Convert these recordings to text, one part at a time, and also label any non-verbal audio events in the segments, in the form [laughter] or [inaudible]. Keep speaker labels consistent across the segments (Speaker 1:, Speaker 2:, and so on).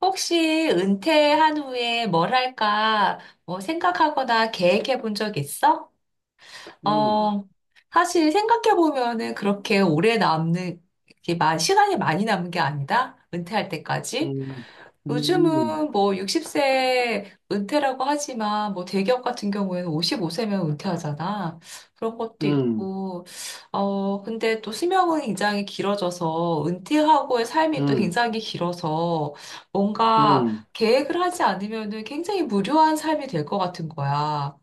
Speaker 1: 혹시 은퇴한 후에 뭘 할까 뭐 생각하거나 계획해 본 적 있어?
Speaker 2: 음,
Speaker 1: 어, 사실 생각해 보면은 그렇게 오래 남는, 이렇게 시간이 많이 남은 게 아니다. 은퇴할 때까지.
Speaker 2: 음, 음,
Speaker 1: 요즘은 뭐 60세 은퇴라고 하지만 뭐 대기업 같은 경우에는 55세면 은퇴하잖아. 그런 것도
Speaker 2: 음,
Speaker 1: 있고, 근데 또 수명은 굉장히 길어져서 은퇴하고의 삶이 또
Speaker 2: 음,
Speaker 1: 굉장히 길어서 뭔가
Speaker 2: 음,
Speaker 1: 계획을 하지 않으면은 굉장히 무료한 삶이 될 것 같은 거야.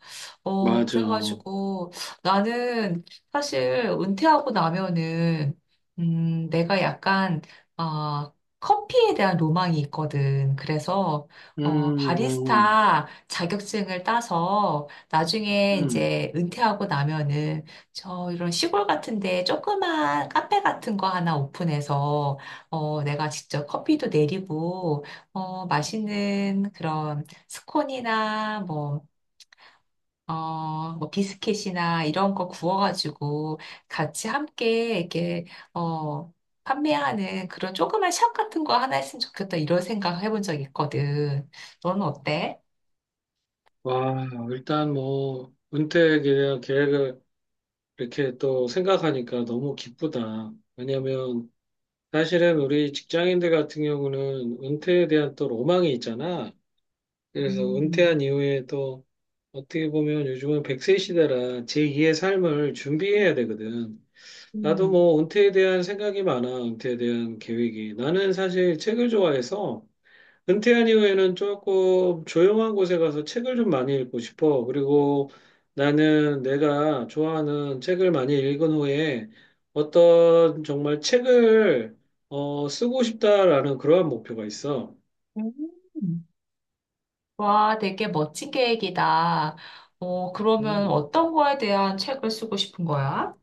Speaker 2: 맞아.
Speaker 1: 그래가지고 나는 사실 은퇴하고 나면은 내가 약간 아, 커피에 대한 로망이 있거든. 그래서
Speaker 2: 음,
Speaker 1: 바리스타 자격증을 따서 나중에
Speaker 2: 음.
Speaker 1: 이제 은퇴하고 나면은 저 이런 시골 같은데 조그만 카페 같은 거 하나 오픈해서 내가 직접 커피도 내리고 맛있는 그런 스콘이나 뭐 비스켓이나 이런 거 구워가지고 같이 함께 이렇게, 어, 판매하는 그런 조그만 샵 같은 거 하나 했으면 좋겠다, 이런 생각 해본 적 있거든. 너는 어때?
Speaker 2: 와, 일단 뭐, 은퇴 계획, 계획을 이렇게 또 생각하니까 너무 기쁘다. 왜냐면, 사실은 우리 직장인들 같은 경우는 은퇴에 대한 또 로망이 있잖아. 그래서
Speaker 1: 음,
Speaker 2: 은퇴한 이후에 또, 어떻게 보면 요즘은 백세 시대라 제2의 삶을 준비해야 되거든. 나도
Speaker 1: 음.
Speaker 2: 뭐 은퇴에 대한 생각이 많아. 은퇴에 대한 계획이. 나는 사실 책을 좋아해서 은퇴한 이후에는 조금 조용한 곳에 가서 책을 좀 많이 읽고 싶어. 그리고 나는 내가 좋아하는 책을 많이 읽은 후에 어떤 정말 책을 쓰고 싶다라는 그러한 목표가 있어.
Speaker 1: 음. 와, 되게 멋진 계획이다. 그러면
Speaker 2: 음.
Speaker 1: 어떤 거에 대한 책을 쓰고 싶은 거야?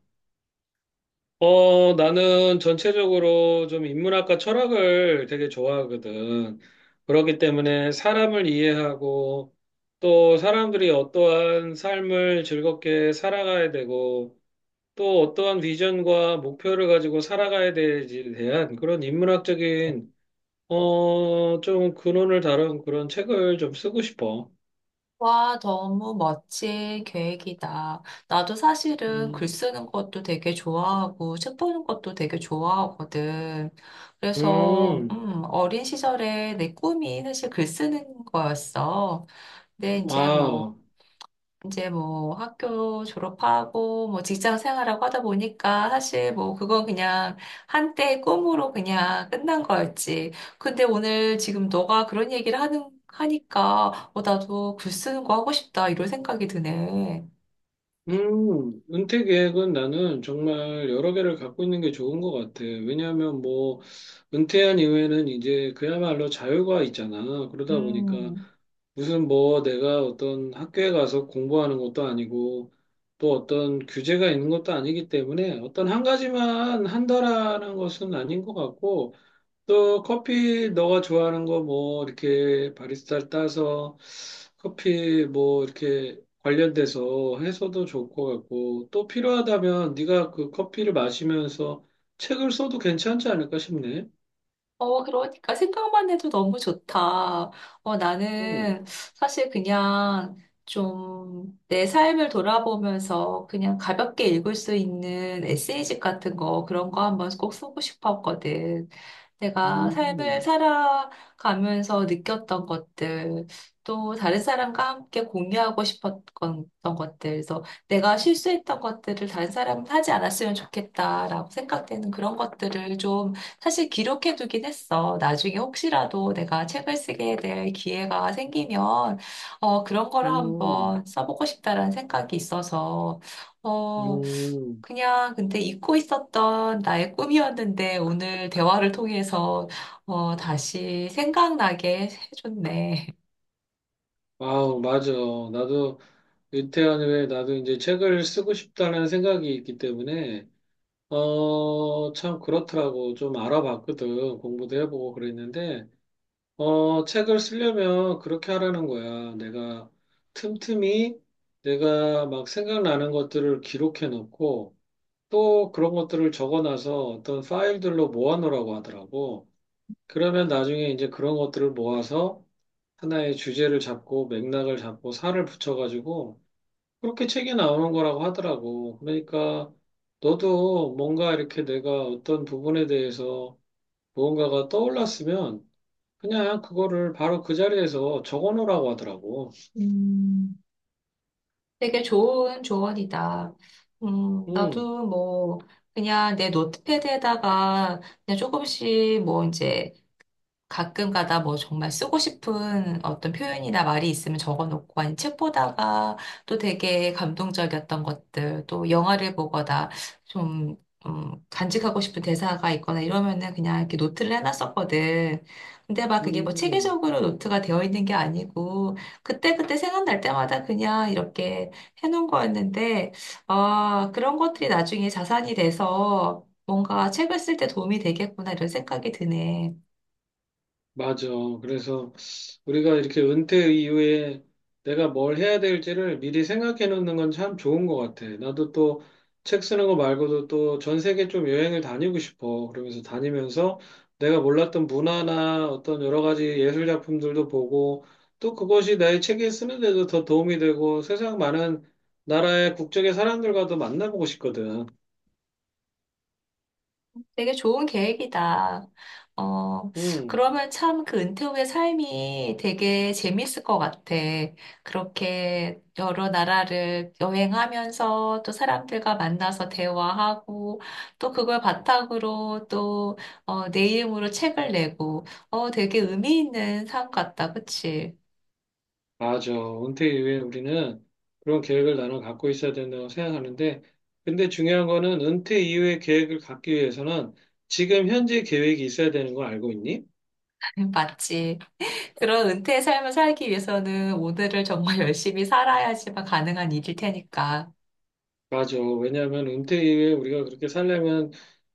Speaker 2: 나는 전체적으로 좀 인문학과 철학을 되게 좋아하거든. 그렇기 때문에 사람을 이해하고 또 사람들이 어떠한 삶을 즐겁게 살아가야 되고 또 어떠한 비전과 목표를 가지고 살아가야 되지에 대한 그런 인문학적인 좀 근원을 다룬 그런 책을 좀 쓰고 싶어.
Speaker 1: 와, 너무 멋진 계획이다. 나도 사실은 글
Speaker 2: 음,
Speaker 1: 쓰는 것도 되게 좋아하고, 책 보는 것도 되게 좋아하거든. 그래서,
Speaker 2: 음,
Speaker 1: 어린 시절에 내 꿈이 사실 글 쓰는 거였어. 근데 이제
Speaker 2: 아.
Speaker 1: 뭐, 이제 뭐 학교 졸업하고 뭐 직장 생활하고 하다 보니까 사실 뭐 그건 그냥 한때의 꿈으로 그냥 끝난 거였지. 근데 오늘 지금 너가 그런 얘기를 하니까 나도 글 쓰는 거 하고 싶다 이런 생각이 드네.
Speaker 2: 은퇴 계획은 나는 정말 여러 개를 갖고 있는 게 좋은 것 같아. 왜냐하면 뭐, 은퇴한 이후에는 이제 그야말로 자유가 있잖아. 그러다 보니까
Speaker 1: 음.
Speaker 2: 무슨 뭐 내가 어떤 학교에 가서 공부하는 것도 아니고 또 어떤 규제가 있는 것도 아니기 때문에 어떤 한 가지만 한다라는 것은 아닌 것 같고 또 커피 너가 좋아하는 거 뭐 이렇게 바리스타를 따서 커피 뭐 이렇게 관련돼서 해서도 좋을 것 같고 또 필요하다면 네가 그 커피를 마시면서 책을 써도 괜찮지 않을까 싶네.
Speaker 1: 그러니까 생각만 해도 너무 좋다. 나는
Speaker 2: 음,
Speaker 1: 사실 그냥 좀 내 삶을 돌아보면서 그냥 가볍게 읽을 수 있는 에세이집 같은 거, 그런 거 한번 꼭 쓰고 싶었거든. 내가 삶을
Speaker 2: 음,
Speaker 1: 살아가면서 느꼈던 것들, 또 다른 사람과 함께 공유하고 싶었던 것들, 그래서 내가 실수했던 것들을 다른 사람은 하지 않았으면 좋겠다라고 생각되는 그런 것들을 좀 사실 기록해두긴 했어. 나중에 혹시라도 내가 책을 쓰게 될 기회가 생기면, 그런 거를
Speaker 2: 음,
Speaker 1: 한번 써보고 싶다라는 생각이 있어서, 어,
Speaker 2: 음.
Speaker 1: 그냥 근데 잊고 있었던 나의 꿈이었는데 오늘 대화를 통해서, 다시 생각나게 해줬네.
Speaker 2: 아우, 맞아. 나도 은퇴한 후에 나도 이제 책을 쓰고 싶다는 생각이 있기 때문에 참 그렇더라고. 좀 알아봤거든. 공부도 해보고 그랬는데 책을 쓰려면 그렇게 하라는 거야. 내가 틈틈이 내가 막 생각나는 것들을 기록해 놓고 또 그런 것들을 적어 놔서 어떤 파일들로 모아 놓으라고 하더라고. 그러면 나중에 이제 그런 것들을 모아서 하나의 주제를 잡고 맥락을 잡고 살을 붙여가지고 그렇게 책이 나오는 거라고 하더라고. 그러니까 너도 뭔가 이렇게 내가 어떤 부분에 대해서 무언가가 떠올랐으면 그냥 그거를 바로 그 자리에서 적어 놓으라고 하더라고.
Speaker 1: 음, 되게 좋은 조언이다.
Speaker 2: 음,
Speaker 1: 나도 뭐, 그냥 내 노트패드에다가 그냥 조금씩 뭐 이제 가끔 가다 뭐 정말 쓰고 싶은 어떤 표현이나 말이 있으면 적어놓고 아니 책 보다가 또 되게 감동적이었던 것들 또 영화를 보거나 좀 간직하고 싶은 대사가 있거나 이러면은 그냥 이렇게 노트를 해놨었거든. 근데 막 그게 뭐
Speaker 2: 음,
Speaker 1: 체계적으로 노트가 되어 있는 게 아니고 그때그때 생각날 때마다 그냥 이렇게 해놓은 거였는데 아 그런 것들이 나중에 자산이 돼서 뭔가 책을 쓸 때 도움이 되겠구나 이런 생각이 드네.
Speaker 2: 맞아. 그래서 우리가 이렇게 은퇴 이후에 내가 뭘 해야 될지를 미리 생각해 놓는 건 참 좋은 것 같아. 나도 또 책 쓰는 거 말고도 또 전 세계 좀 여행을 다니고 싶어. 그러면서 다니면서 내가 몰랐던 문화나 어떤 여러 가지 예술 작품들도 보고 또 그것이 나의 책에 쓰는데도 더 도움이 되고 세상 많은 나라의 국적의 사람들과도 만나보고 싶거든.
Speaker 1: 되게 좋은 계획이다. 어,
Speaker 2: 음.
Speaker 1: 그러면 참 그 은퇴 후의 삶이 되게 재밌을 것 같아. 그렇게 여러 나라를 여행하면서 또 사람들과 만나서 대화하고 또 그걸 바탕으로 또, 내 이름으로 책을 내고, 되게 의미 있는 삶 같다. 그치?
Speaker 2: 맞아. 은퇴 이후에 우리는 그런 계획을 나눠 갖고 있어야 된다고 생각하는데, 근데 중요한 거는 은퇴 이후에 계획을 갖기 위해서는 지금 현재 계획이 있어야 되는 거 알고 있니?
Speaker 1: [laughs] 맞지. 그런 은퇴의 삶을 살기 위해서는 오늘을 정말 [laughs] 열심히 살아야지만 가능한 일일 테니까.
Speaker 2: 맞아. 왜냐하면 은퇴 이후에 우리가 그렇게 살려면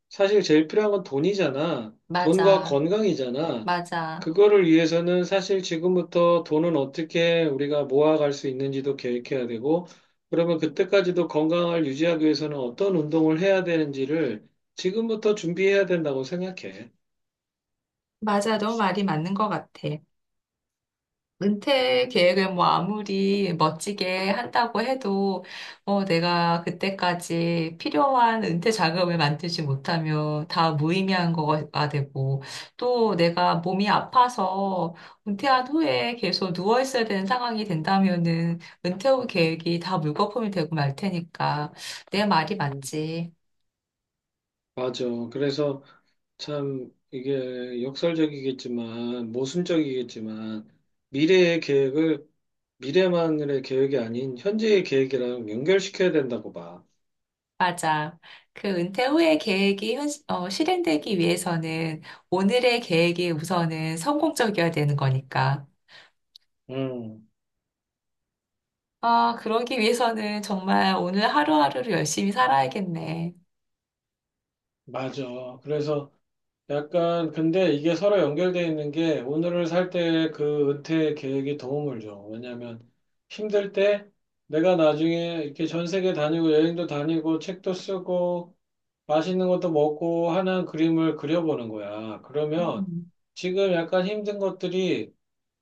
Speaker 2: 사실 제일 필요한 건 돈이잖아. 돈과
Speaker 1: 맞아.
Speaker 2: 건강이잖아.
Speaker 1: 맞아.
Speaker 2: 그거를 위해서는 사실 지금부터 돈은 어떻게 우리가 모아갈 수 있는지도 계획해야 되고, 그러면 그때까지도 건강을 유지하기 위해서는 어떤 운동을 해야 되는지를 지금부터 준비해야 된다고 생각해.
Speaker 1: 맞아, 너 말이 맞는 것 같아. 은퇴 계획을 뭐 아무리 멋지게 한다고 해도, 내가 그때까지 필요한 은퇴 자금을 만들지 못하면 다 무의미한 거가 되고, 또 내가 몸이 아파서 은퇴한 후에 계속 누워 있어야 되는 상황이 된다면은 은퇴 후 계획이 다 물거품이 되고 말 테니까, 내 말이
Speaker 2: 음.
Speaker 1: 맞지.
Speaker 2: 맞아. 그래서 참 이게 역설적이겠지만, 모순적이겠지만, 미래의 계획을 미래만의 계획이 아닌 현재의 계획이랑 연결시켜야 된다고 봐.
Speaker 1: 맞아. 그 은퇴 후의 계획이 실행되기 위해서는 오늘의 계획이 우선은 성공적이어야 되는 거니까.
Speaker 2: 음.
Speaker 1: 아, 그러기 위해서는 정말 오늘 하루하루를 열심히 살아야겠네.
Speaker 2: 맞아. 그래서 약간 근데 이게 서로 연결돼 있는 게 오늘을 살 때 그 은퇴 계획이 도움을 줘. 왜냐면 힘들 때 내가 나중에 이렇게 전 세계 다니고 여행도 다니고 책도 쓰고 맛있는 것도 먹고 하는 그림을 그려보는 거야. 그러면
Speaker 1: 음.
Speaker 2: 지금 약간 힘든 것들이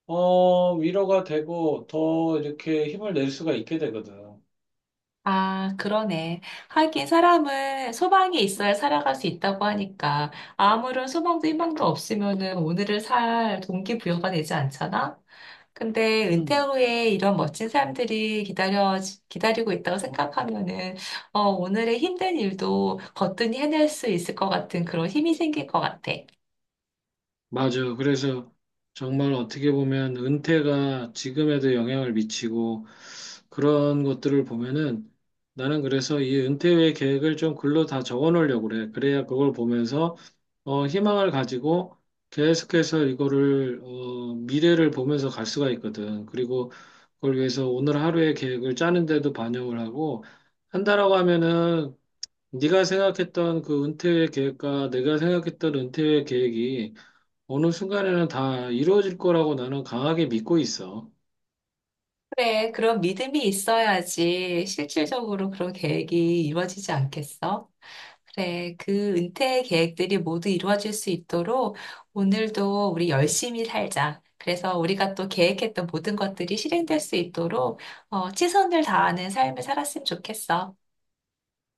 Speaker 2: 위로가 되고 더 이렇게 힘을 낼 수가 있게 되거든.
Speaker 1: 아, 그러네. 하긴 사람은 소망이 있어야 살아갈 수 있다고 하니까 아무런 소망도 희망도 없으면은 오늘을 살 동기부여가 되지 않잖아? 근데 은퇴
Speaker 2: 음.
Speaker 1: 후에 이런 멋진 기다리고 있다고 생각하면은 오늘의 힘든 일도 거뜬히 해낼 수 있을 것 같은 그런 힘이 생길 것 같아.
Speaker 2: 맞아. 그래서 정말 어떻게 보면 은퇴가 지금에도 영향을 미치고 그런 것들을 보면은 나는 그래서 이 은퇴 후의 계획을 좀 글로 다 적어 놓으려고 그래. 그래야 그걸 보면서 희망을 가지고 계속해서 이거를 미래를 보면서 갈 수가 있거든. 그리고 그걸 위해서 오늘 하루의 계획을 짜는데도 반영을 하고 한다라고 하면은 네가 생각했던 그 은퇴 후의 계획과 내가 생각했던 은퇴 후의 계획이 어느 순간에는 다 이루어질 거라고 나는 강하게 믿고 있어.
Speaker 1: 그래, 그런 믿음이 있어야지 실질적으로 그런 계획이 이루어지지 않겠어? 그래, 그 은퇴 계획들이 모두 이루어질 수 있도록 오늘도 우리 열심히 살자. 그래서 우리가 또 계획했던 모든 것들이 실행될 수 있도록 최선을 다하는 삶을 살았으면 좋겠어.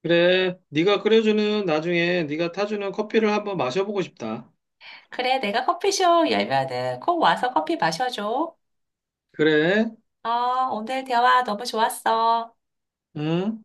Speaker 2: 그래, 네가 끓여주는 나중에 네가 타주는 커피를 한번 마셔보고 싶다.
Speaker 1: 그래, 내가 커피숍 열면은 꼭 와서 커피 마셔줘.
Speaker 2: 그래,
Speaker 1: 어, 오늘 대화 너무 좋았어.
Speaker 2: 응?